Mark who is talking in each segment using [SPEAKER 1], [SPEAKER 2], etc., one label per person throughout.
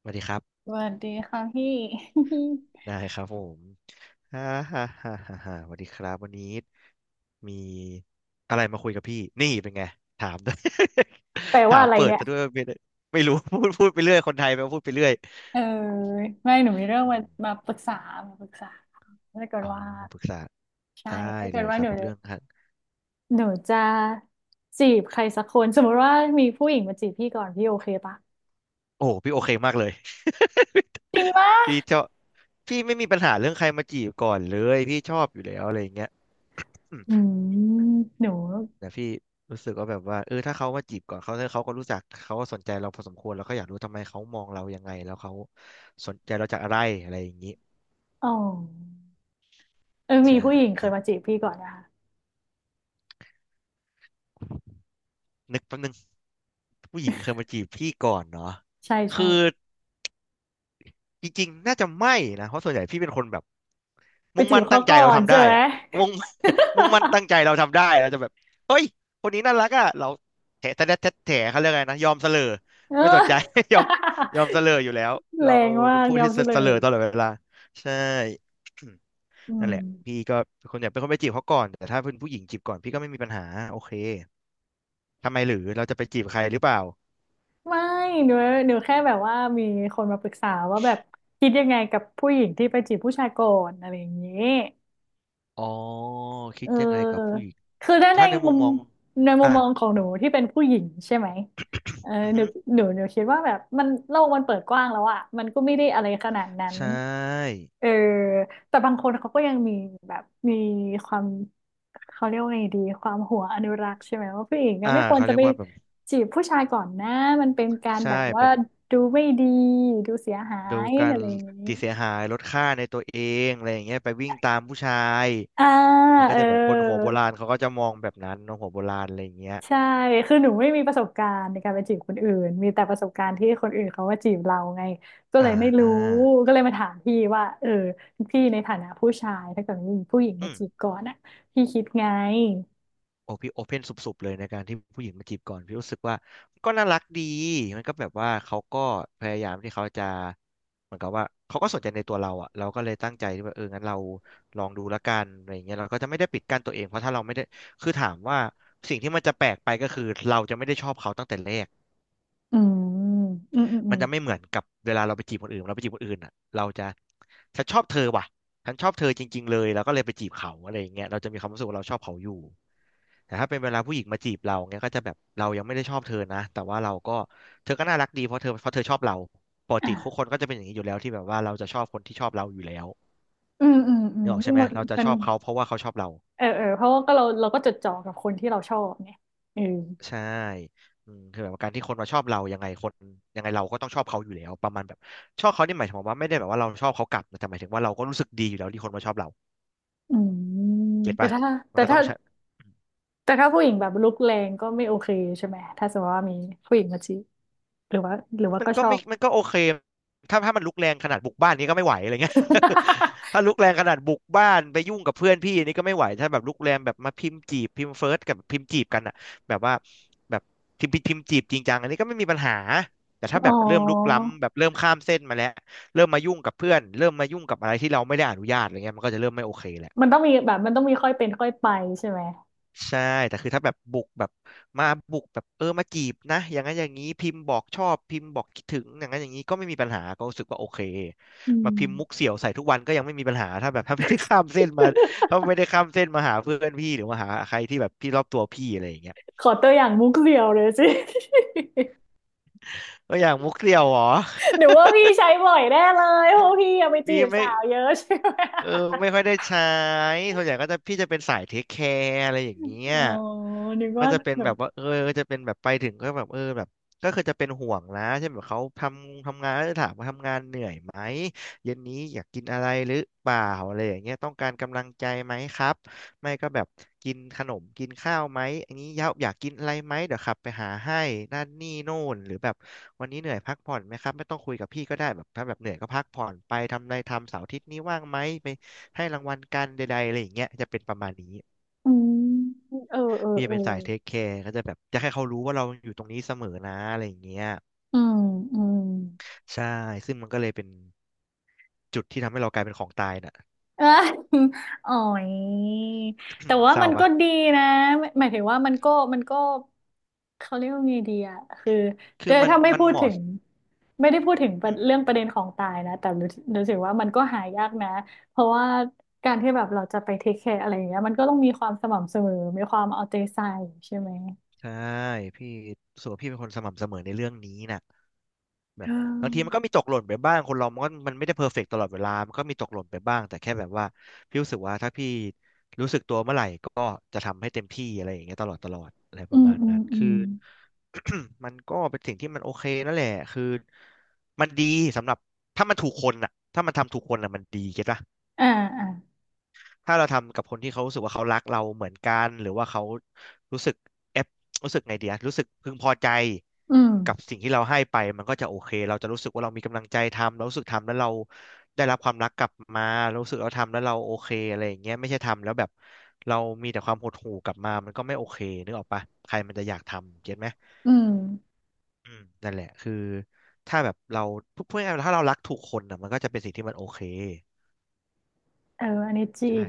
[SPEAKER 1] สวัสดีครับ
[SPEAKER 2] สวัสดีค่ะพี่
[SPEAKER 1] ได้ ครับผมฮ่าฮ่าฮ่าฮ่าฮ่าสวัสดีครับวันนี้มีอะไรมาคุยกับพี่นี่เป็นไงถาม ด้วย
[SPEAKER 2] แปล
[SPEAKER 1] ถา
[SPEAKER 2] ว่า
[SPEAKER 1] ม
[SPEAKER 2] อะไร
[SPEAKER 1] เปิด
[SPEAKER 2] เนี่ย
[SPEAKER 1] ซะด้วยไม่ได้ไม่รู้ พูดไปเรื่อยคนไทยไปพูดไปเรื่อย
[SPEAKER 2] เออไม่หนูมีเรื่อง
[SPEAKER 1] อื
[SPEAKER 2] มา
[SPEAKER 1] ม
[SPEAKER 2] ปรึกษามาปรึกษาถ้าเกิด
[SPEAKER 1] เอา
[SPEAKER 2] ว่า
[SPEAKER 1] มาปรึกษา
[SPEAKER 2] ใช่
[SPEAKER 1] ได้
[SPEAKER 2] ถ้าเกิ
[SPEAKER 1] เล
[SPEAKER 2] ด
[SPEAKER 1] ยค
[SPEAKER 2] ว่าห
[SPEAKER 1] รับ
[SPEAKER 2] นู
[SPEAKER 1] เรื่อง
[SPEAKER 2] จะ
[SPEAKER 1] ฮะ
[SPEAKER 2] หนูจะจีบใครสักคนสมมติว่ามีผู้หญิงมาจีบพี่ก่อนพี่โอเคปะ
[SPEAKER 1] โอ้พี่โอเคมากเลย
[SPEAKER 2] จริงปะ
[SPEAKER 1] พี่ชอบพี่ไม่มีปัญหาเรื่องใครมาจีบก่อนเลยพี่ชอบอยู่แล้วอะไรอย่างเงี้ย
[SPEAKER 2] อืมหนู
[SPEAKER 1] แต่พี่รู้สึกว่าแบบว่าเออถ้าเขามาจีบก่อนเขาก็รู้จักเขาก็สนใจเราพอสมควรแล้วก็อยากรู้ทำไมเขามองเรายังไงแล้วเขาสนใจเราจากอะไรอะไรอย่างนี้
[SPEAKER 2] อ๋อเออมี
[SPEAKER 1] ใช่
[SPEAKER 2] ผู้หญิง
[SPEAKER 1] ค
[SPEAKER 2] เค
[SPEAKER 1] รั
[SPEAKER 2] ย
[SPEAKER 1] บ
[SPEAKER 2] มาจีบพี่ก่อนนะคะ
[SPEAKER 1] นึกแป๊บนึงผู้หญิงเคยมาจีบพี่ก่อนเนาะ
[SPEAKER 2] ใช่ใช่
[SPEAKER 1] คือ จริงๆ น่าจะไม่นะ เพราะส่วนใหญ่พี่เป็นคนแบบ
[SPEAKER 2] ไป
[SPEAKER 1] มุ่ง
[SPEAKER 2] จี
[SPEAKER 1] มั่
[SPEAKER 2] บ
[SPEAKER 1] นตั้
[SPEAKER 2] เขา
[SPEAKER 1] งใจ
[SPEAKER 2] ก่อ
[SPEAKER 1] เรา
[SPEAKER 2] น
[SPEAKER 1] ทำ
[SPEAKER 2] ใช่
[SPEAKER 1] ได้
[SPEAKER 2] ไหม
[SPEAKER 1] อะมุ่ง มุ่งมั่นตั้งใจ เราทำได้เราจะแบบเฮ้ยคนนี้น่ารักอ่ะเราแถะแถะแถะแถะเขาเรียกไงนะยอมเสลอ
[SPEAKER 2] เ
[SPEAKER 1] ไม่สนใจ
[SPEAKER 2] ออ
[SPEAKER 1] ยอมยอมเสลออยู่แล้ว
[SPEAKER 2] แร
[SPEAKER 1] เรา
[SPEAKER 2] งมา
[SPEAKER 1] เป็น
[SPEAKER 2] ก
[SPEAKER 1] ผู้
[SPEAKER 2] ยอ
[SPEAKER 1] ที่
[SPEAKER 2] มเสล
[SPEAKER 1] เสลอ
[SPEAKER 2] ย
[SPEAKER 1] ตลอดเวลาใช่
[SPEAKER 2] อื
[SPEAKER 1] นั่นแห
[SPEAKER 2] ม
[SPEAKER 1] ละพี่ก็เป็นคนอยากเป็นคนไปจีบเขาก่อนแต่ถ้าเป็นผู้หญิงจีบก่อนพี่ก็ไม่มีปัญหาโอเคทำไมหรือเราจะไปจีบใครหรือเปล่า
[SPEAKER 2] ไม่หนูหนูแค่แบบว่ามีคนมาปรึกษาว่าแบบคิดยังไงกับผู้หญิงที่ไปจีบผู้ชายก่อนอะไรอย่างนี้
[SPEAKER 1] อ๋อ
[SPEAKER 2] เ
[SPEAKER 1] คิดยังไงกับผู้
[SPEAKER 2] ออ
[SPEAKER 1] หญิง
[SPEAKER 2] คือถ้าใน
[SPEAKER 1] ถ้าใน
[SPEAKER 2] มุ
[SPEAKER 1] มุม
[SPEAKER 2] ม
[SPEAKER 1] มอง
[SPEAKER 2] ในมุม
[SPEAKER 1] อ่ะ
[SPEAKER 2] มองของห
[SPEAKER 1] ม
[SPEAKER 2] นู
[SPEAKER 1] อง
[SPEAKER 2] ที่เป็นผู้หญิงใช่ไหมเออ
[SPEAKER 1] อือ
[SPEAKER 2] หนู
[SPEAKER 1] ฮึ
[SPEAKER 2] หนูหนูคิดว่าแบบมันโลกมันเปิดกว้างแล้วอะมันก็ไม่ได้อะไรขนาดนั้น
[SPEAKER 1] ใช่
[SPEAKER 2] เออแต่บางคนเขาก็ยังมีแบบมีความเขาเรียกว่าไงดีความหัวอนุรักษ์ใช่ไหมว่าผู้หญิงก็
[SPEAKER 1] อ่า
[SPEAKER 2] ไม่ควร
[SPEAKER 1] เขา
[SPEAKER 2] จะ
[SPEAKER 1] เรีย
[SPEAKER 2] ไป
[SPEAKER 1] กว่าแบบ
[SPEAKER 2] จีบผู้ชายก่อนนะมันเป็นการ
[SPEAKER 1] ใช่
[SPEAKER 2] แบบว่า
[SPEAKER 1] เป็น
[SPEAKER 2] ดูไม่ดีดูเสียหา
[SPEAKER 1] ดู
[SPEAKER 2] ย
[SPEAKER 1] การ
[SPEAKER 2] อะไรอย่างนี้
[SPEAKER 1] ติดเสียหายลดค่าในตัวเองอะไรอย่างเงี้ยไปวิ่งตามผู้ชาย
[SPEAKER 2] อ่า
[SPEAKER 1] มันก็
[SPEAKER 2] เอ
[SPEAKER 1] จะแบบคนหัวโบราณ
[SPEAKER 2] อ
[SPEAKER 1] เขาก็จะมองแบบนั้นเนอะหัวโบราณอะไรอย่างเงี้ย
[SPEAKER 2] ใช่ คือหนูไม่มีประสบการณ์ในการไปจีบคนอื่น มีแต่ประสบการณ์ที่คนอื่นเขาว่าจีบเราไงก็
[SPEAKER 1] อ่
[SPEAKER 2] เลยไม่รู้
[SPEAKER 1] า
[SPEAKER 2] ก็เลยมาถามพี่ว่าเออพี่ในฐานะผู้ชายถ้าเกิดมีผู้หญิงมา
[SPEAKER 1] อืม
[SPEAKER 2] จีบก่อนอ่ะพี่คิดไง
[SPEAKER 1] โอพี่โอเพนสุบๆเลยในการที่ผู้หญิงมาจีบก่อนพี่รู้สึกว่ามันก็น่ารักดีมันก็แบบว่าเขาก็พยายามที่เขาจะเหมือนกับว่าเขาก็สนใจในตัวเราอ่ะเราก็เลยตั้งใจที่ว่าเอองั้นเราลองดูละกันอะไรอย่างเงี้ยเราก็จะไม่ได้ปิดกั้นตัวเองเพราะถ้าเราไม่ได้คือถามว่าสิ่งที่มันจะแปลกไปก็คือเราจะไม่ได้ชอบเขาตั้งแต่แรก
[SPEAKER 2] อืมอืมอืมอื
[SPEAKER 1] มัน
[SPEAKER 2] ม
[SPEAKER 1] จะไม่เหมือนกับเวลาเราไปจีบคนอื่นเราไปจีบคนอื่นอ่ะเราจะฉันชอบเธอว่ะฉันชอบเธอจริงๆเลยแล้วก็เลยไปจีบเขาอะไรอย่างเงี้ยเราจะมีความรู้สึกว่าเราชอบเขาอยู่ แต่ถ้าเป็นเวลาผู้หญิงมาจีบเราเงี้ยก็จะแบบเรายังไม่ได้ชอบเธอนะแต่ว่าเราก็เธอก็น่ารักดีเพราะเธอชอบเราปก
[SPEAKER 2] อ่ะ
[SPEAKER 1] ติทุกคนก็จะเป็นอย่างนี้อยู่แล้วที่แบบว่าเราจะชอบคนที่ชอบเราอยู่แล้ว
[SPEAKER 2] อืมอืมอื
[SPEAKER 1] นึ
[SPEAKER 2] ม
[SPEAKER 1] กออกใช่ไห
[SPEAKER 2] ห
[SPEAKER 1] ม
[SPEAKER 2] มัน
[SPEAKER 1] เราจะ
[SPEAKER 2] มั
[SPEAKER 1] ช
[SPEAKER 2] น
[SPEAKER 1] อบเขาเพราะว่าเขาชอบเรา
[SPEAKER 2] เออเออเพราะว่าก็เราก็จดจ่อกับคนที่เราชอบไงเออ
[SPEAKER 1] ใช่อืมคือแบบการที่คนมาชอบเรายังไงคนยังไงเราก็ต้องชอบเขาอยู่แล้วประมาณแบบชอบเขานี่หมายถึงว่าไม่ได้แบบว่าเราชอบเขากลับนะแต่หมายถึงว่าเราก็รู้สึกดีอยู่แล้วที่คนมาชอบเรา
[SPEAKER 2] อืม
[SPEAKER 1] เก็ต
[SPEAKER 2] แต่
[SPEAKER 1] ปะ
[SPEAKER 2] ถ้า
[SPEAKER 1] มั
[SPEAKER 2] แต่
[SPEAKER 1] นก็ต้
[SPEAKER 2] ถ้า
[SPEAKER 1] องใช่
[SPEAKER 2] แต่ถ้าผู้หญิงแบบลุกแรงก็ไม่โอเคใช่ไหมถ้าสมมติว่ามีผู้หญิงมาจีบหรือว่า
[SPEAKER 1] มัน
[SPEAKER 2] ก็
[SPEAKER 1] ก็
[SPEAKER 2] ชอ
[SPEAKER 1] ไม่
[SPEAKER 2] บ
[SPEAKER 1] มันก็โอเคถ้ามันลุกแรงขนาดบุกบ้านนี้ก็ไม่ไหวอะไรเงี้ย ถ้าลุ กแรงขนาดบุกบ้านไปยุ่งกับเพื่อนพี่นี่ก็ไม่ไหวถ้าแบบลุกแรงแบบมาพิมพ์จีบพิมพ์เฟิร์สกับพิมพ์จีบกันอะแบบว่าแบบพิมพ์จีบจริงจังอันนี้ก็ไม่มีปัญหา แต่ถ้า
[SPEAKER 2] อ๋
[SPEAKER 1] แบบเริ่มลุก
[SPEAKER 2] อ
[SPEAKER 1] ล้ำแบบเริ่มข้ามเส้นมาแล้วเริ่มมายุ่งกับเพื่อนเริ่มมายุ่งกับอะไรที่เราไม่ได้อนุญาตอะไรเงี้ยมันก็จะเริ่มไม่โอเคแหละ
[SPEAKER 2] มันต้องมีแบบมันต้องมีค่อยเป็นค่อยไปใช่ไหม
[SPEAKER 1] ใช่แต่คือถ้าแบบบุกแบบมาบุกแบบเออมาจีบนะอย่างนั้นอย่างนี้พิมพ์บอกชอบพิมพ์บอกคิดถึงอย่างนั้นอย่างนี้ก็ไม่มีปัญหาก็รู้สึกว่าโอเค
[SPEAKER 2] อื
[SPEAKER 1] มา
[SPEAKER 2] ม
[SPEAKER 1] พิมพ์มุกเสี่ยวใส่ทุกวันก็ยังไม่มีปัญหาถ้าแบบ ถ้าไม่ได้ข้ามเส้นมาหาเพื่อนพี่หรือมาหาใครที่แบบพี่รอบตัวพี่อะไรอย่างเงี้ย
[SPEAKER 2] ขอตัวอย่างมุกเดียวเลยสิ
[SPEAKER 1] ก็อย่างมุกเสี่ยวเหรอ
[SPEAKER 2] หรือวว่าพี่ใช้บ่อยแน่เลยเพราะพี่เอะไป จี
[SPEAKER 1] มี
[SPEAKER 2] บ
[SPEAKER 1] ไหม
[SPEAKER 2] สาวเยอะใช่ไหม
[SPEAKER 1] เออไม่ค่อยได้ใช้ส่วนใหญ่ก็จะพี่จะเป็นสายเทคแคร์อะไรอย่างเงี้ย
[SPEAKER 2] อ๋อนึก
[SPEAKER 1] ก็
[SPEAKER 2] ว่า
[SPEAKER 1] จะเป็น
[SPEAKER 2] แบ
[SPEAKER 1] แบ
[SPEAKER 2] บ
[SPEAKER 1] บว่าเออก็จะเป็นแบบไปถึงก็แบบเออแบบก็คือจะเป็นห่วงนะเช่นแบบเขาทำงานแล้วถามว่าทำงานเหนื่อยไหมเย็นนี้อยากกินอะไรหรือเปล่าอะไรอย่างเงี้ยต้องการกำลังใจไหมครับ ไม่ก็แบบกินขนมกินข้าวไหมอันนี้ยาอยากกินอะไรไหมเดี๋ยวขับไปหาให้นั่นนี่โน่นหรือแบบวันนี้เหนื่อยพักผ่อนไหมครับไม่ต้องคุยกับพี่ก็ได้แบบถ้าแบบเหนื่อยก็พักผ่อนไปทำอะไรทำเสาร์อาทิตย์นี้ว่างไหมไปให้รางวัลกันใดๆอะไรอย่างเงี้ยจะเป็นประมาณนี้
[SPEAKER 2] อืมเออเออ
[SPEAKER 1] พี่จะ
[SPEAKER 2] เออ
[SPEAKER 1] เป็นสายเทคแคร์ก็จะแบบจะให้เขารู้ว่าเราอยู่ตรงนี้เสมอนะอะไรอย่างเงี้ย
[SPEAKER 2] อืมอืม
[SPEAKER 1] ใช่ซึ่งมันก็เลยเป็นจุดที่ทำให้เรากลายเป็นของตายน่ะ
[SPEAKER 2] เออ อ๋อยแต่ ว่า
[SPEAKER 1] เศ
[SPEAKER 2] มั
[SPEAKER 1] ร้า
[SPEAKER 2] นก็
[SPEAKER 1] ปะ
[SPEAKER 2] ดีนะหมายถึงว่ามันก็มันก็เขาเรียกว่าไงดีอะคือโด
[SPEAKER 1] คือ
[SPEAKER 2] ย
[SPEAKER 1] มัน
[SPEAKER 2] ถ้าไม่
[SPEAKER 1] มัน
[SPEAKER 2] พูด
[SPEAKER 1] เห
[SPEAKER 2] ถึ
[SPEAKER 1] มาะ
[SPEAKER 2] งไม่ได้พูดถึงประ
[SPEAKER 1] อื
[SPEAKER 2] เรื่อง
[SPEAKER 1] ม
[SPEAKER 2] ประเด็นของตายนะแต่รู้รู้สึกว่ามันก็หายากนะเพราะว่าการที่แบบเราจะไปเทคแคร์อะไรอย่างเงี้ยมันก็ต้องมีความสม่ำเสมอมีความเอาใจใส่ใช่ไหม
[SPEAKER 1] ๆใช่พี่รู้สึกว่าพี่เป็นคนสม่ำเสมอในเรื่องนี้น่ะ แบ
[SPEAKER 2] เ
[SPEAKER 1] บบางทีมั
[SPEAKER 2] ออ
[SPEAKER 1] นก็มีตกหล่นไปบ้างคนเรามันก็มันไม่ได้เพอร์เฟกต์ตลอดเวลามันก็มีตกหล่นไปบ้างแต่แค่แบบว่าพี่รู้สึกว่าถ้าพี่รู้สึกตัวเมื่อไหร่ก็จะทำให้เต็มที่อะไรอย่างเงี้ยตลอดตลอดอะไรป
[SPEAKER 2] อื
[SPEAKER 1] ระ
[SPEAKER 2] ม
[SPEAKER 1] มาณ
[SPEAKER 2] อืม
[SPEAKER 1] นั้น
[SPEAKER 2] อื
[SPEAKER 1] คือ
[SPEAKER 2] ม
[SPEAKER 1] มันก็เป็นสิ่งที่มันโอเคนั่นแหละคือมันดีสำหรับถ้ามันถูกคนอ่ะถ้ามันทำถูกคนอ่ะมันดีเก็ตปะ
[SPEAKER 2] อ่าอ่า
[SPEAKER 1] ถ้าเราทำกับคนที่เขารู้สึกว่าเขารักเราเหมือนกันหรือว่าเขารู้สึกเอฟรู้สึกไงเดียรู้สึกพึงพอใจ
[SPEAKER 2] อืม
[SPEAKER 1] กับสิ่งที่เราให้ไปมันก็จะโอเคเราจะรู้สึกว่าเรามีกำลังใจทำเรารู้สึกทำแล้วเราได้รับความรักกลับมาเรารู้สึกเราทำแล้วเราโอเคอะไรอย่างเงี้ยไม่ใช่ทำแล้วแบบเรามีแต่ความหดหู่กลับมามันก็ไม่โอเคนึกออกปะใครมันจะอยากทำเก็ตไหม
[SPEAKER 2] อืม
[SPEAKER 1] อืมนั่นแหละคือถ้าแบบเราพูดง่ายๆถ้าเรารักถูกคนอ่ะมันก็จะเป็นสิ่งที่มันโอเค
[SPEAKER 2] เอออันนี้จริ
[SPEAKER 1] ใช่
[SPEAKER 2] ง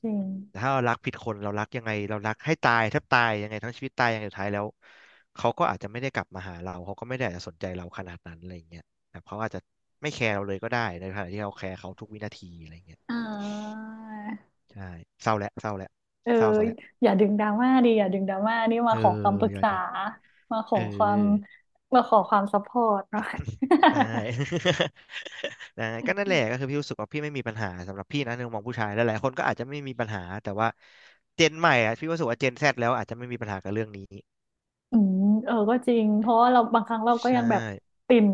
[SPEAKER 2] จริง
[SPEAKER 1] แต่ถ้าเรารักผิดคนเรารักยังไงเรารักให้ตายแทบตายยังไงทั้งชีวิตตายอย่างสุดท้ายแล้วเขาก็อาจจะไม่ได้กลับมาหาเราเขาก็ไม่ได้อาจจะสนใจเราขนาดนั้นอะไรอย่างเงี้ยแบบเขาอาจจะไม่แคร์เราเลยก็ได้ในขณะที่เราแคร์เขาทุกวินาทีอะไรอย่างเงี้ย
[SPEAKER 2] อ่า
[SPEAKER 1] ใช่เศร้าแล้วเศร้าแล้ว
[SPEAKER 2] เออ
[SPEAKER 1] เศร้าซะแล้ว
[SPEAKER 2] อย่าดึงดราม่าดิอย่าดึงดราม่านี่
[SPEAKER 1] เอ
[SPEAKER 2] มา
[SPEAKER 1] อ
[SPEAKER 2] ขอคำปรึก
[SPEAKER 1] อย่า
[SPEAKER 2] ษา
[SPEAKER 1] ดึง
[SPEAKER 2] มาข
[SPEAKER 1] เอ
[SPEAKER 2] อ
[SPEAKER 1] อ
[SPEAKER 2] ความมาขอความซัพพอร์ตเนาะ
[SPEAKER 1] ได้ ได้ก็นั่นแหละก็คือพี่รู้สึกว่าพี่ไม่มีปัญหาสำหรับพี่นะในมุมมองผู้ชายหลายๆคนก็อาจจะไม่มีปัญหาแต่ว่าเจนใหม่อะพี่รู้สึกว่าเจนแซดแล้วอาจจะไม่มีปัญหากับเรื่องนี้
[SPEAKER 2] อืมเออก็จริงเพราะว่าเราบางครั้งเราก็
[SPEAKER 1] ใช่
[SPEAKER 2] ยังแบบติด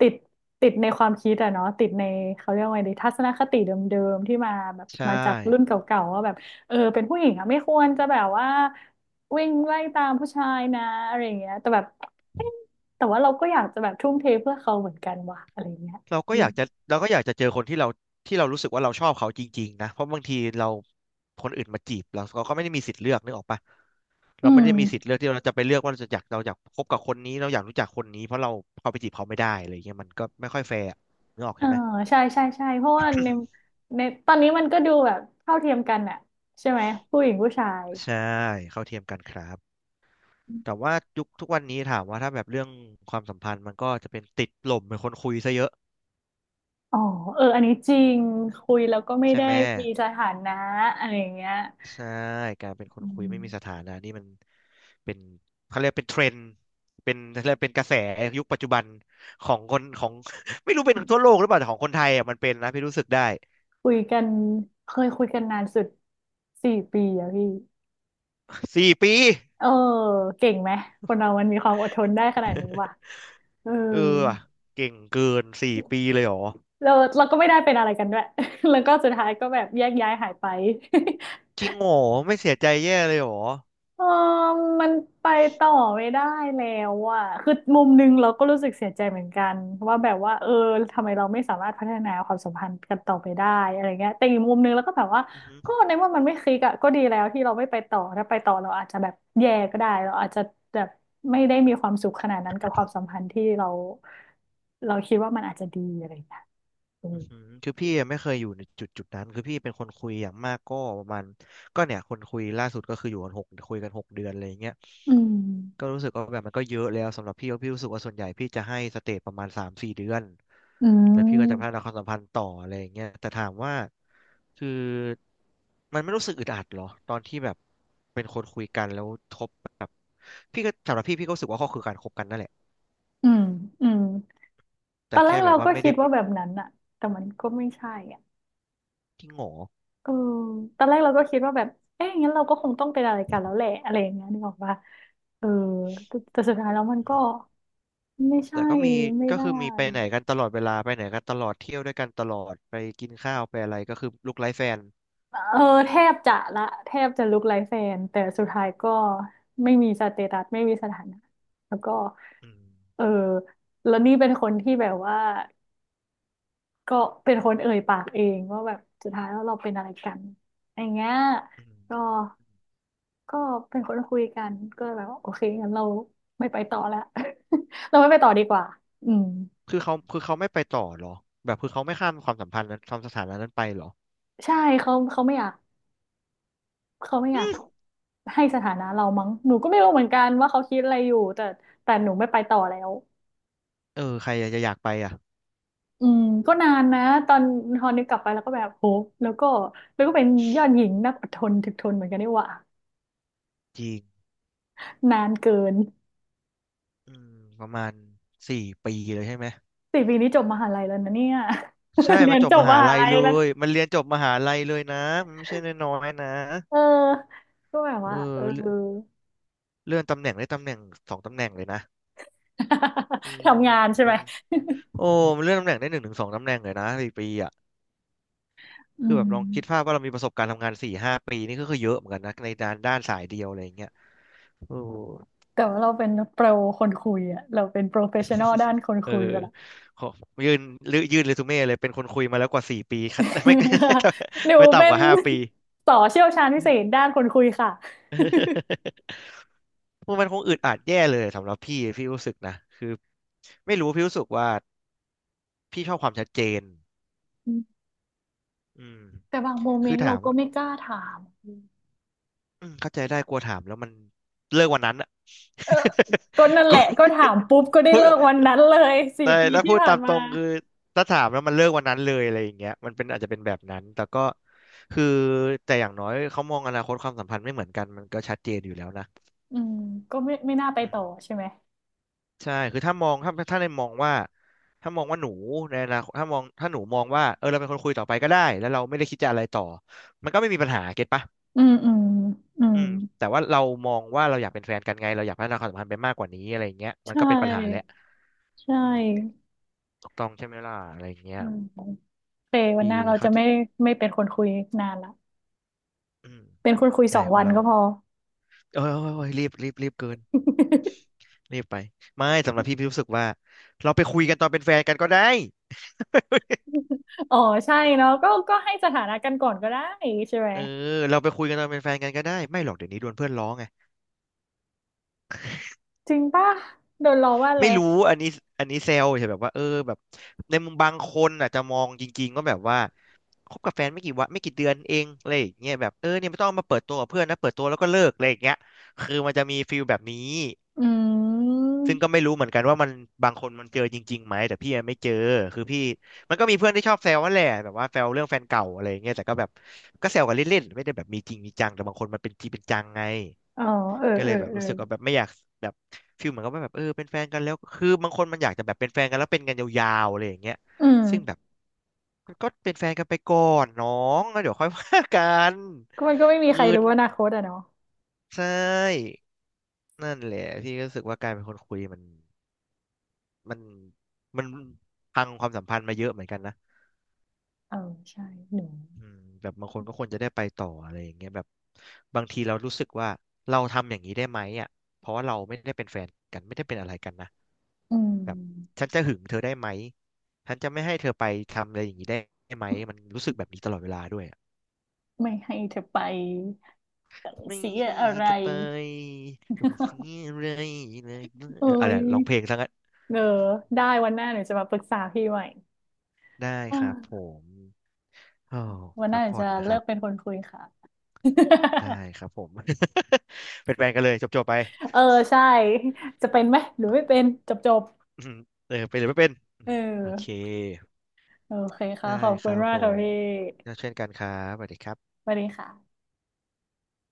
[SPEAKER 2] ติดติดในความคิดอะเนาะติดในเขาเรียกว่าไงดีทัศนคติเดิมๆที่มาแบบ
[SPEAKER 1] ใช่
[SPEAKER 2] มาจากรุ่นเก่าๆว่าแบบเออเป็นผู้หญิงอะไม่ควรจะแบบว่าวิ่งไล่ตามผู้ชายนะอะไรอย่างเงี้ยแต่แบบเอ๊ะแต่ว่าเราก็อยากจะแบบทุ่มเทเพื่อเขาเหมือนกันว่ะอะไรอย่างเงี้ย
[SPEAKER 1] เราก็อยากจะเราก็อยากจะเจอคนที่เราที่เรารู้สึกว่าเราชอบเขาจริงๆนะเพราะบางทีเราคนอื่นมาจีบเราเราก็ไม่ได้มีสิทธิ์เลือกนึกออกปะ
[SPEAKER 2] อื
[SPEAKER 1] เราไม่
[SPEAKER 2] ม
[SPEAKER 1] ได้มีสิทธิ์เลือกที่เราจะไปเลือกว่าเราจะอยากเราอยากคบกับคนนี้เราอยากรู้จักคนนี้เพราะเราเขาไปจีบเขาไม่ได้อะไรเงี้ยมันก็ไม่ค่อยแฟร์อะนึกออก
[SPEAKER 2] เออ
[SPEAKER 1] ใช่ไหม
[SPEAKER 2] ใช่ใช่ใช่เพราะว่าในตอนนี้มันก็ดูแบบเท่าเทียมกันน่ะใช่ไหมผู้หญิงผู้ชาย
[SPEAKER 1] ใช่เข้าเทียมกันครับแต่ว่ายุคทุกวันนี้ถามว่าถ้าแบบเรื่องความสัมพันธ์มันก็จะเป็นติดหล่มเป็นคนคุยซะเยอะ
[SPEAKER 2] อ๋อเอออันนี้จริงคุยแล้วก็ไม่
[SPEAKER 1] ใช่
[SPEAKER 2] ได้
[SPEAKER 1] ไหม
[SPEAKER 2] มีสถานะอะไรอย่างเงี้ย
[SPEAKER 1] ใช่การเป็นคน
[SPEAKER 2] อื
[SPEAKER 1] คุยไม่มีส
[SPEAKER 2] ม
[SPEAKER 1] ถานะนี่มันเป็นเขาเรียกเป็นเทรนด์เป็นเขาเรียกเป็นกระแสยุคปัจจุบันของคนของ ไม่รู้เป็นทั่วโลกหรือเปล่าแต่ของคนไทยอ่ะมันเป็นนะพี่รู้สึกได้
[SPEAKER 2] คุยกันเคยคุยกันนานสุดสี่ปีอะพี่
[SPEAKER 1] สี่ปี
[SPEAKER 2] เออเก่งไหมคนเรามันมีความอดทนได้ขนาดนี้ว่ะ เออ
[SPEAKER 1] เออว่ะเก่งเกินสี่ปีเลยเหรอ
[SPEAKER 2] เราเราก็ไม่ได้เป็นอะไรกันด้วย แล้วก็สุดท้ายก็แบบแยกย้ายหายไป
[SPEAKER 1] จริงเหรอไม่เสียใจแย่เลยเหรอ
[SPEAKER 2] เออมันไปต่อไม่ได้แล้วอ่ะคือมุมหนึงเราก็รู้สึกเสียใจเหมือนกันว่าแบบว่าเออทำไมเราไม่สามารถพัฒนาความสัมพันธ์กันต่อไปได้อะไรเงี้ยแต่อีกมุมหนึงเราก็แบบว่า
[SPEAKER 1] อือหือ
[SPEAKER 2] ก็ในเมื่อมันไม่คลิกอ่ะก็ดีแล้วที่เราไม่ไปต่อถ้าไปต่อเราอาจจะแบบแย่ก็ได้เราอาจจะแบบไม่ได้มีความสุขขนาดนั้นกับความสัมพันธ์ที่เราเราคิดว่ามันอาจจะดีอะไรเงี้ยอื
[SPEAKER 1] อื
[SPEAKER 2] ม
[SPEAKER 1] อหือคือพี่ไม่เคยอยู่ในจุดจุดนั้นคือพี่เป็นคนคุยอย่างมากก็ประมาณก็เนี่ยคนคุยล่าสุดก็คืออยู่กันหกคุยกัน6 เดือนอะไรอย่างเงี้ย
[SPEAKER 2] อื
[SPEAKER 1] ก็
[SPEAKER 2] ม
[SPEAKER 1] รู้สึกว่าแบบมันก็เยอะแล้วสำหรับพี่ก็พี่รู้สึกว่าส่วนใหญ่พี่จะให้สเตจประมาณ3-4 เดือน
[SPEAKER 2] อื
[SPEAKER 1] แล้วพี่ก็จะพั
[SPEAKER 2] ม
[SPEAKER 1] ฒนาความสัมพันธ์ต่ออะไรอย่างเงี้ยแต่ถามว่าคือมันไม่รู้สึกอึดอัดเหรอตอนที่แบบเป็นคนคุยกันแล้วทบแบบพี่ก็สำหรับพี่พี่ก็รู้สึกว่าก็คือการคบกันนั่นแหละ
[SPEAKER 2] อืมอืมต
[SPEAKER 1] แต่
[SPEAKER 2] อนแร
[SPEAKER 1] แค่
[SPEAKER 2] ก
[SPEAKER 1] แบ
[SPEAKER 2] เรา
[SPEAKER 1] บว่า
[SPEAKER 2] ก็
[SPEAKER 1] ไม่
[SPEAKER 2] คิ
[SPEAKER 1] ได้
[SPEAKER 2] ดว่าแบบนั้นอ่ะแต่มันก็ไม่ใช่อ่ะ
[SPEAKER 1] ที่หงอ
[SPEAKER 2] เออตอนแรกเราก็คิดว่าแบบเอ๊ะงั้นเราก็คงต้องเป็นอะไรกันแล้วแหละอะไรอย่างเงี้ยนึกออกปะเออแต่แต่สุดท้ายแล้วมันก็ไม่
[SPEAKER 1] แต่
[SPEAKER 2] ใช่
[SPEAKER 1] ก็มี
[SPEAKER 2] ไม่
[SPEAKER 1] ก็
[SPEAKER 2] ได้
[SPEAKER 1] คือมีไปไหนกันตลอดเวลาไปไหนกันตลอดเที่ยวด้วยกันตลอดไปกินข้าวไปอะไรก็คือลูกไร้แฟน
[SPEAKER 2] เออแทบจะละแทบจะลุกไลฟ์แฟนแต่สุดท้ายก็ไม่มีสเตตัสไม่มีสถานะแล้วก็
[SPEAKER 1] อืม
[SPEAKER 2] เออแล้วนี่เป็นคนที่แบบว่าก็เป็นคนเอ่ยปากเองว่าแบบสุดท้ายแล้วเราเป็นอะไรกันอย่างเงี้ย
[SPEAKER 1] อืม
[SPEAKER 2] ก็ ก็เป็นคนคุยกันก็แบบว่าโอเคงั้นเราไม่ไปต่อแล้ว เราไม่ไปต่อดีกว่าอืม
[SPEAKER 1] คือเขาไม่ไปต่อเหรอแบบคือเขาไม่ข้ามความสัมพันธ์นั้นความสถานะนั้นไปเหรอ
[SPEAKER 2] ใช่เขาไม่อยากเขาไม่อ
[SPEAKER 1] อื
[SPEAKER 2] ยาก
[SPEAKER 1] ม
[SPEAKER 2] ให้สถานะเรามั้งหนูก็ไม่รู้เหมือนกันว่าเขาคิดอะไรอยู่แต่แต่หนูไม่ไปต่อแล้ว
[SPEAKER 1] เออใครจะอยากไปอ่ะ
[SPEAKER 2] อืมก็นานนะตอนตอนนี้กลับไปแล้วก็แบบโหแล้วก็แล้วก็เป็นยอดหญิงนักอดทนถึกทนเหมือนกันนี่หว่า
[SPEAKER 1] จริง
[SPEAKER 2] นานเกิน
[SPEAKER 1] อืมประมาณสี่ปีเลยใช่ไหม
[SPEAKER 2] สี่ปีนี้จบมหาลัยแล้วนะเนี่ย
[SPEAKER 1] ใช่
[SPEAKER 2] เรี
[SPEAKER 1] มั
[SPEAKER 2] ย
[SPEAKER 1] น
[SPEAKER 2] น
[SPEAKER 1] จบ
[SPEAKER 2] จบ
[SPEAKER 1] ม
[SPEAKER 2] ม
[SPEAKER 1] หา
[SPEAKER 2] หา
[SPEAKER 1] ลัย
[SPEAKER 2] ลัย
[SPEAKER 1] เล
[SPEAKER 2] แล้วนะ
[SPEAKER 1] ยมันเรียนจบมหาลัยเลยนะมันไม่ใช่น้อยๆนะ
[SPEAKER 2] เออก็แบบ
[SPEAKER 1] เออ
[SPEAKER 2] ว่าเออ
[SPEAKER 1] เลื่อนเลื่อนตำแหน่งได้ตำแหน่งสองตำแหน่งเลยนะอื ม
[SPEAKER 2] ทำงานใช่ไหม
[SPEAKER 1] มัน โอ้มันเลื่อนตำแหน่งได้หนึ่งถึงสองตำแหน่งเลยนะสี่ปีอ่ะ
[SPEAKER 2] อื
[SPEAKER 1] คือแบบ
[SPEAKER 2] ม
[SPEAKER 1] ลองคิดภาพว่าเรามีประสบการณ์ทำงานสี่ห้าปีนี่ก็คือเยอะเหมือนกันนะในด้านสายเดียวอะไรอย่างเงี้ยโอ้
[SPEAKER 2] แต่ว่าเราเป็นโปรคนคุยอะเราเป็นโปรเฟชชั่นอลด้านคน
[SPEAKER 1] เออ
[SPEAKER 2] คุยไปละ
[SPEAKER 1] ขอยื่นลือยื่นเรซูเม่เลยเป็นคนคุยมาแล้วกว่าสี่ปีคัน ไม่
[SPEAKER 2] หนู
[SPEAKER 1] ไม่
[SPEAKER 2] เป็
[SPEAKER 1] ต่ำก
[SPEAKER 2] น
[SPEAKER 1] ว่าห้าปี
[SPEAKER 2] ต่อเชี่ยวชาญพิเศษด้านคนคุยค่ะ
[SPEAKER 1] มันคงอึดอัดแย่เลยสำหรับพี่รู้สึกนะคือไม่รู้พี่รู้สึกว่าพี่ชอบความชัดเจน
[SPEAKER 2] อืม
[SPEAKER 1] อืม
[SPEAKER 2] แต่บางโมเม
[SPEAKER 1] คื
[SPEAKER 2] น
[SPEAKER 1] อ
[SPEAKER 2] ต์เรา
[SPEAKER 1] ถาม
[SPEAKER 2] ก็
[SPEAKER 1] ว่า
[SPEAKER 2] ไม่กล้าถาม
[SPEAKER 1] อืมเข้าใจได้กลัวถามแล้วมันเลิกวันนั้นอะ
[SPEAKER 2] เออก็นั่น
[SPEAKER 1] ก
[SPEAKER 2] แห
[SPEAKER 1] ลั
[SPEAKER 2] ละ
[SPEAKER 1] ว
[SPEAKER 2] ก็ถามปุ๊บก็ได้
[SPEAKER 1] พูด
[SPEAKER 2] เลิกวันนั้นเลยสี่
[SPEAKER 1] แต่
[SPEAKER 2] ปี
[SPEAKER 1] ถ้า
[SPEAKER 2] ที่
[SPEAKER 1] พูด
[SPEAKER 2] ผ่า
[SPEAKER 1] ตา
[SPEAKER 2] น
[SPEAKER 1] มต
[SPEAKER 2] มา
[SPEAKER 1] รงคือถ้าถามแล้วมันเลิกวันนั้นเลยอะไรอย่างเงี้ยมันเป็นอาจจะเป็นแบบนั้นแต่ก็คือแต่อย่างน้อยเขามองอนาคตความสัมพันธ์ไม่เหมือนกันมันก็ชัดเจนอยู่แล้วนะ
[SPEAKER 2] อืมก็ไม่น่าไป
[SPEAKER 1] อื
[SPEAKER 2] ต่อ
[SPEAKER 1] ม
[SPEAKER 2] ใช่ไหม
[SPEAKER 1] ใช่คือถ้าในมองว่าถ้ามองว่าหนูในอนาคตถ้าหนูมองว่าเออเราเป็นคนคุยต่อไปก็ได้แล้วเราไม่ได้คิดจะอะไรต่อมันก็ไม่มีปัญหาเก็ตปะ
[SPEAKER 2] อืมอืมอืม
[SPEAKER 1] อืมแต่ว่าเรามองว่าเราอยากเป็นแฟนกันไงเราอยากพัฒนาความสัมพันธ์ไปมากกว่านี้อะไรอย่างเงี้ยมัน
[SPEAKER 2] ใช่
[SPEAKER 1] ก็เป็นปัญหาแหละ
[SPEAKER 2] ใช
[SPEAKER 1] อืม
[SPEAKER 2] ่
[SPEAKER 1] ถูกต้องใช่ไหมล่ะอะไรอย่างเงี้
[SPEAKER 2] อื
[SPEAKER 1] ย
[SPEAKER 2] ม เควัน
[SPEAKER 1] พี่
[SPEAKER 2] หน้าเรา
[SPEAKER 1] เขา
[SPEAKER 2] จะไม่เป็นคนคุยนานละ
[SPEAKER 1] อืม
[SPEAKER 2] เป็นคนคุยส
[SPEAKER 1] ใช่
[SPEAKER 2] อง
[SPEAKER 1] ค
[SPEAKER 2] วั
[SPEAKER 1] น
[SPEAKER 2] น
[SPEAKER 1] เรา
[SPEAKER 2] ก็พอ
[SPEAKER 1] เอ้ยรีบเกิน รีบไปไม่สำหรับพี่รู้สึกว่าเราไปคุยกันตอนเป็นแฟนกันก็ได้
[SPEAKER 2] อ๋อใช่เนาะก็ก็ให้สถานะกันก่อนก็ได้ใช่ไหม
[SPEAKER 1] เออเราไปคุยกันตอนเป็นแฟนกันก็ได้ไม่หรอกเดี๋ยวนี้โดนเพื่อนล้อไง
[SPEAKER 2] จริงป่ะโดนล้อว่าอะไร
[SPEAKER 1] ไม่รู้อันนี้เซลใช่แบบว่าเออแบบในมุมบางคนอาจจะมองจริงๆก็แบบว่าคบกับแฟนไม่กี่วันไม่กี่เดือนเองอะไรอย่างเงี้ยแบบเออเนี่ยไม่ต้องเอามาเปิดตัวกับเพื่อนนะเปิดตัวแล้วก็เลิกอะไรอย่างเงี้ยคือมันจะมีฟีลแบบนี้
[SPEAKER 2] อืม
[SPEAKER 1] ซึ่งก็ไม่รู้เหมือนกันว่ามันบางคนมันเจอจริงๆไหมแต่พี่อะไม่เจอคือพี่มันก็มีเพื่อนที่ชอบแซวนั่นแหละแบบว่าแซวเรื่องแฟนเก่าอะไรอย่างเงี้ยแต่ก็แบบก็แซวกันเล่นๆไม่ได้แบบมีจริงมีจังแต่บางคนมันเป็นจริงเป็นจังไง
[SPEAKER 2] อ๋อเออ
[SPEAKER 1] ก็เล
[SPEAKER 2] เอ
[SPEAKER 1] ย
[SPEAKER 2] อ
[SPEAKER 1] แบบ
[SPEAKER 2] เออ
[SPEAKER 1] รู้สึกว่าแบบไม่อยากแบบฟีลเหมือนกับว่าแบบเออเป็นแฟนกันแล้วคือบางคนมันอยากจะแบบเป็นแฟนกันแล้วเป็นกันยาวๆอะไรอย่างเงี้ย
[SPEAKER 2] อืม
[SPEAKER 1] ซึ่งแบบมันก็เป็นแฟนกันไปก่อนน้องแล้วเดี๋ยวค่อยว่ากัน
[SPEAKER 2] ก็มันก็ไม่มี
[SPEAKER 1] คือ
[SPEAKER 2] ใครรู้อนาคตอะเนาะ
[SPEAKER 1] ใช่นั่นแหละพี่ก็รู้สึกว่าการเป็นคนคุยมันมันพังความสัมพันธ์มาเยอะเหมือนกันนะ
[SPEAKER 2] เออใช่หนู
[SPEAKER 1] อืมแบบบางคนก็ควรจะได้ไปต่ออะไรอย่างเงี้ยแบบบางทีเรารู้สึกว่าเราทำอย่างนี้ได้ไหมอ่ะเพราะว่าเราไม่ได้เป็นแฟนกันไม่ได้เป็นอะไรกันนะ
[SPEAKER 2] อืม
[SPEAKER 1] แบบฉันจะหึงเธอได้ไหมฉันจะไม่ให้เธอไปทำอะไรอย่างนี้ได้ไหมมันรู้สึกแบบนี้ตลอดเวลาด้วยอะ
[SPEAKER 2] ไม่ให้เธอไป
[SPEAKER 1] ไม่
[SPEAKER 2] เสีย
[SPEAKER 1] ให้
[SPEAKER 2] อะไร
[SPEAKER 1] เธอไปต้องเสีย อะไรเลย
[SPEAKER 2] โอ้
[SPEAKER 1] เอออะไร
[SPEAKER 2] ย
[SPEAKER 1] ร้องเพลงซะงั้น
[SPEAKER 2] เออได้วันหน้าหนูจะมาปรึกษาพี่ใหม่
[SPEAKER 1] ได้
[SPEAKER 2] อ่
[SPEAKER 1] ครับผ
[SPEAKER 2] า
[SPEAKER 1] มอ้าว
[SPEAKER 2] วันห
[SPEAKER 1] พั
[SPEAKER 2] น้า
[SPEAKER 1] ก
[SPEAKER 2] หนู
[SPEAKER 1] ผ่อ
[SPEAKER 2] จะ
[SPEAKER 1] นนะค
[SPEAKER 2] เลิ
[SPEAKER 1] รับ
[SPEAKER 2] กเป็นคนคุยค่ะ
[SPEAKER 1] ได้ ครับผม เป็นแฟนกันเลยจบๆไป
[SPEAKER 2] เออใช่ จะเป็นไหมหรือไม่เป็นจบจบ
[SPEAKER 1] อืมเออเป็นหรือไม่เป็น อื
[SPEAKER 2] เอ
[SPEAKER 1] มโอเค
[SPEAKER 2] อโอเคค่ะ
[SPEAKER 1] ได้
[SPEAKER 2] ขอบ
[SPEAKER 1] ค
[SPEAKER 2] คุณ
[SPEAKER 1] รับ
[SPEAKER 2] มา
[SPEAKER 1] ผ
[SPEAKER 2] กค่ะ
[SPEAKER 1] ม
[SPEAKER 2] พี่
[SPEAKER 1] เช่นกันครับสวัสดีครับ
[SPEAKER 2] สวัสดีค่ะ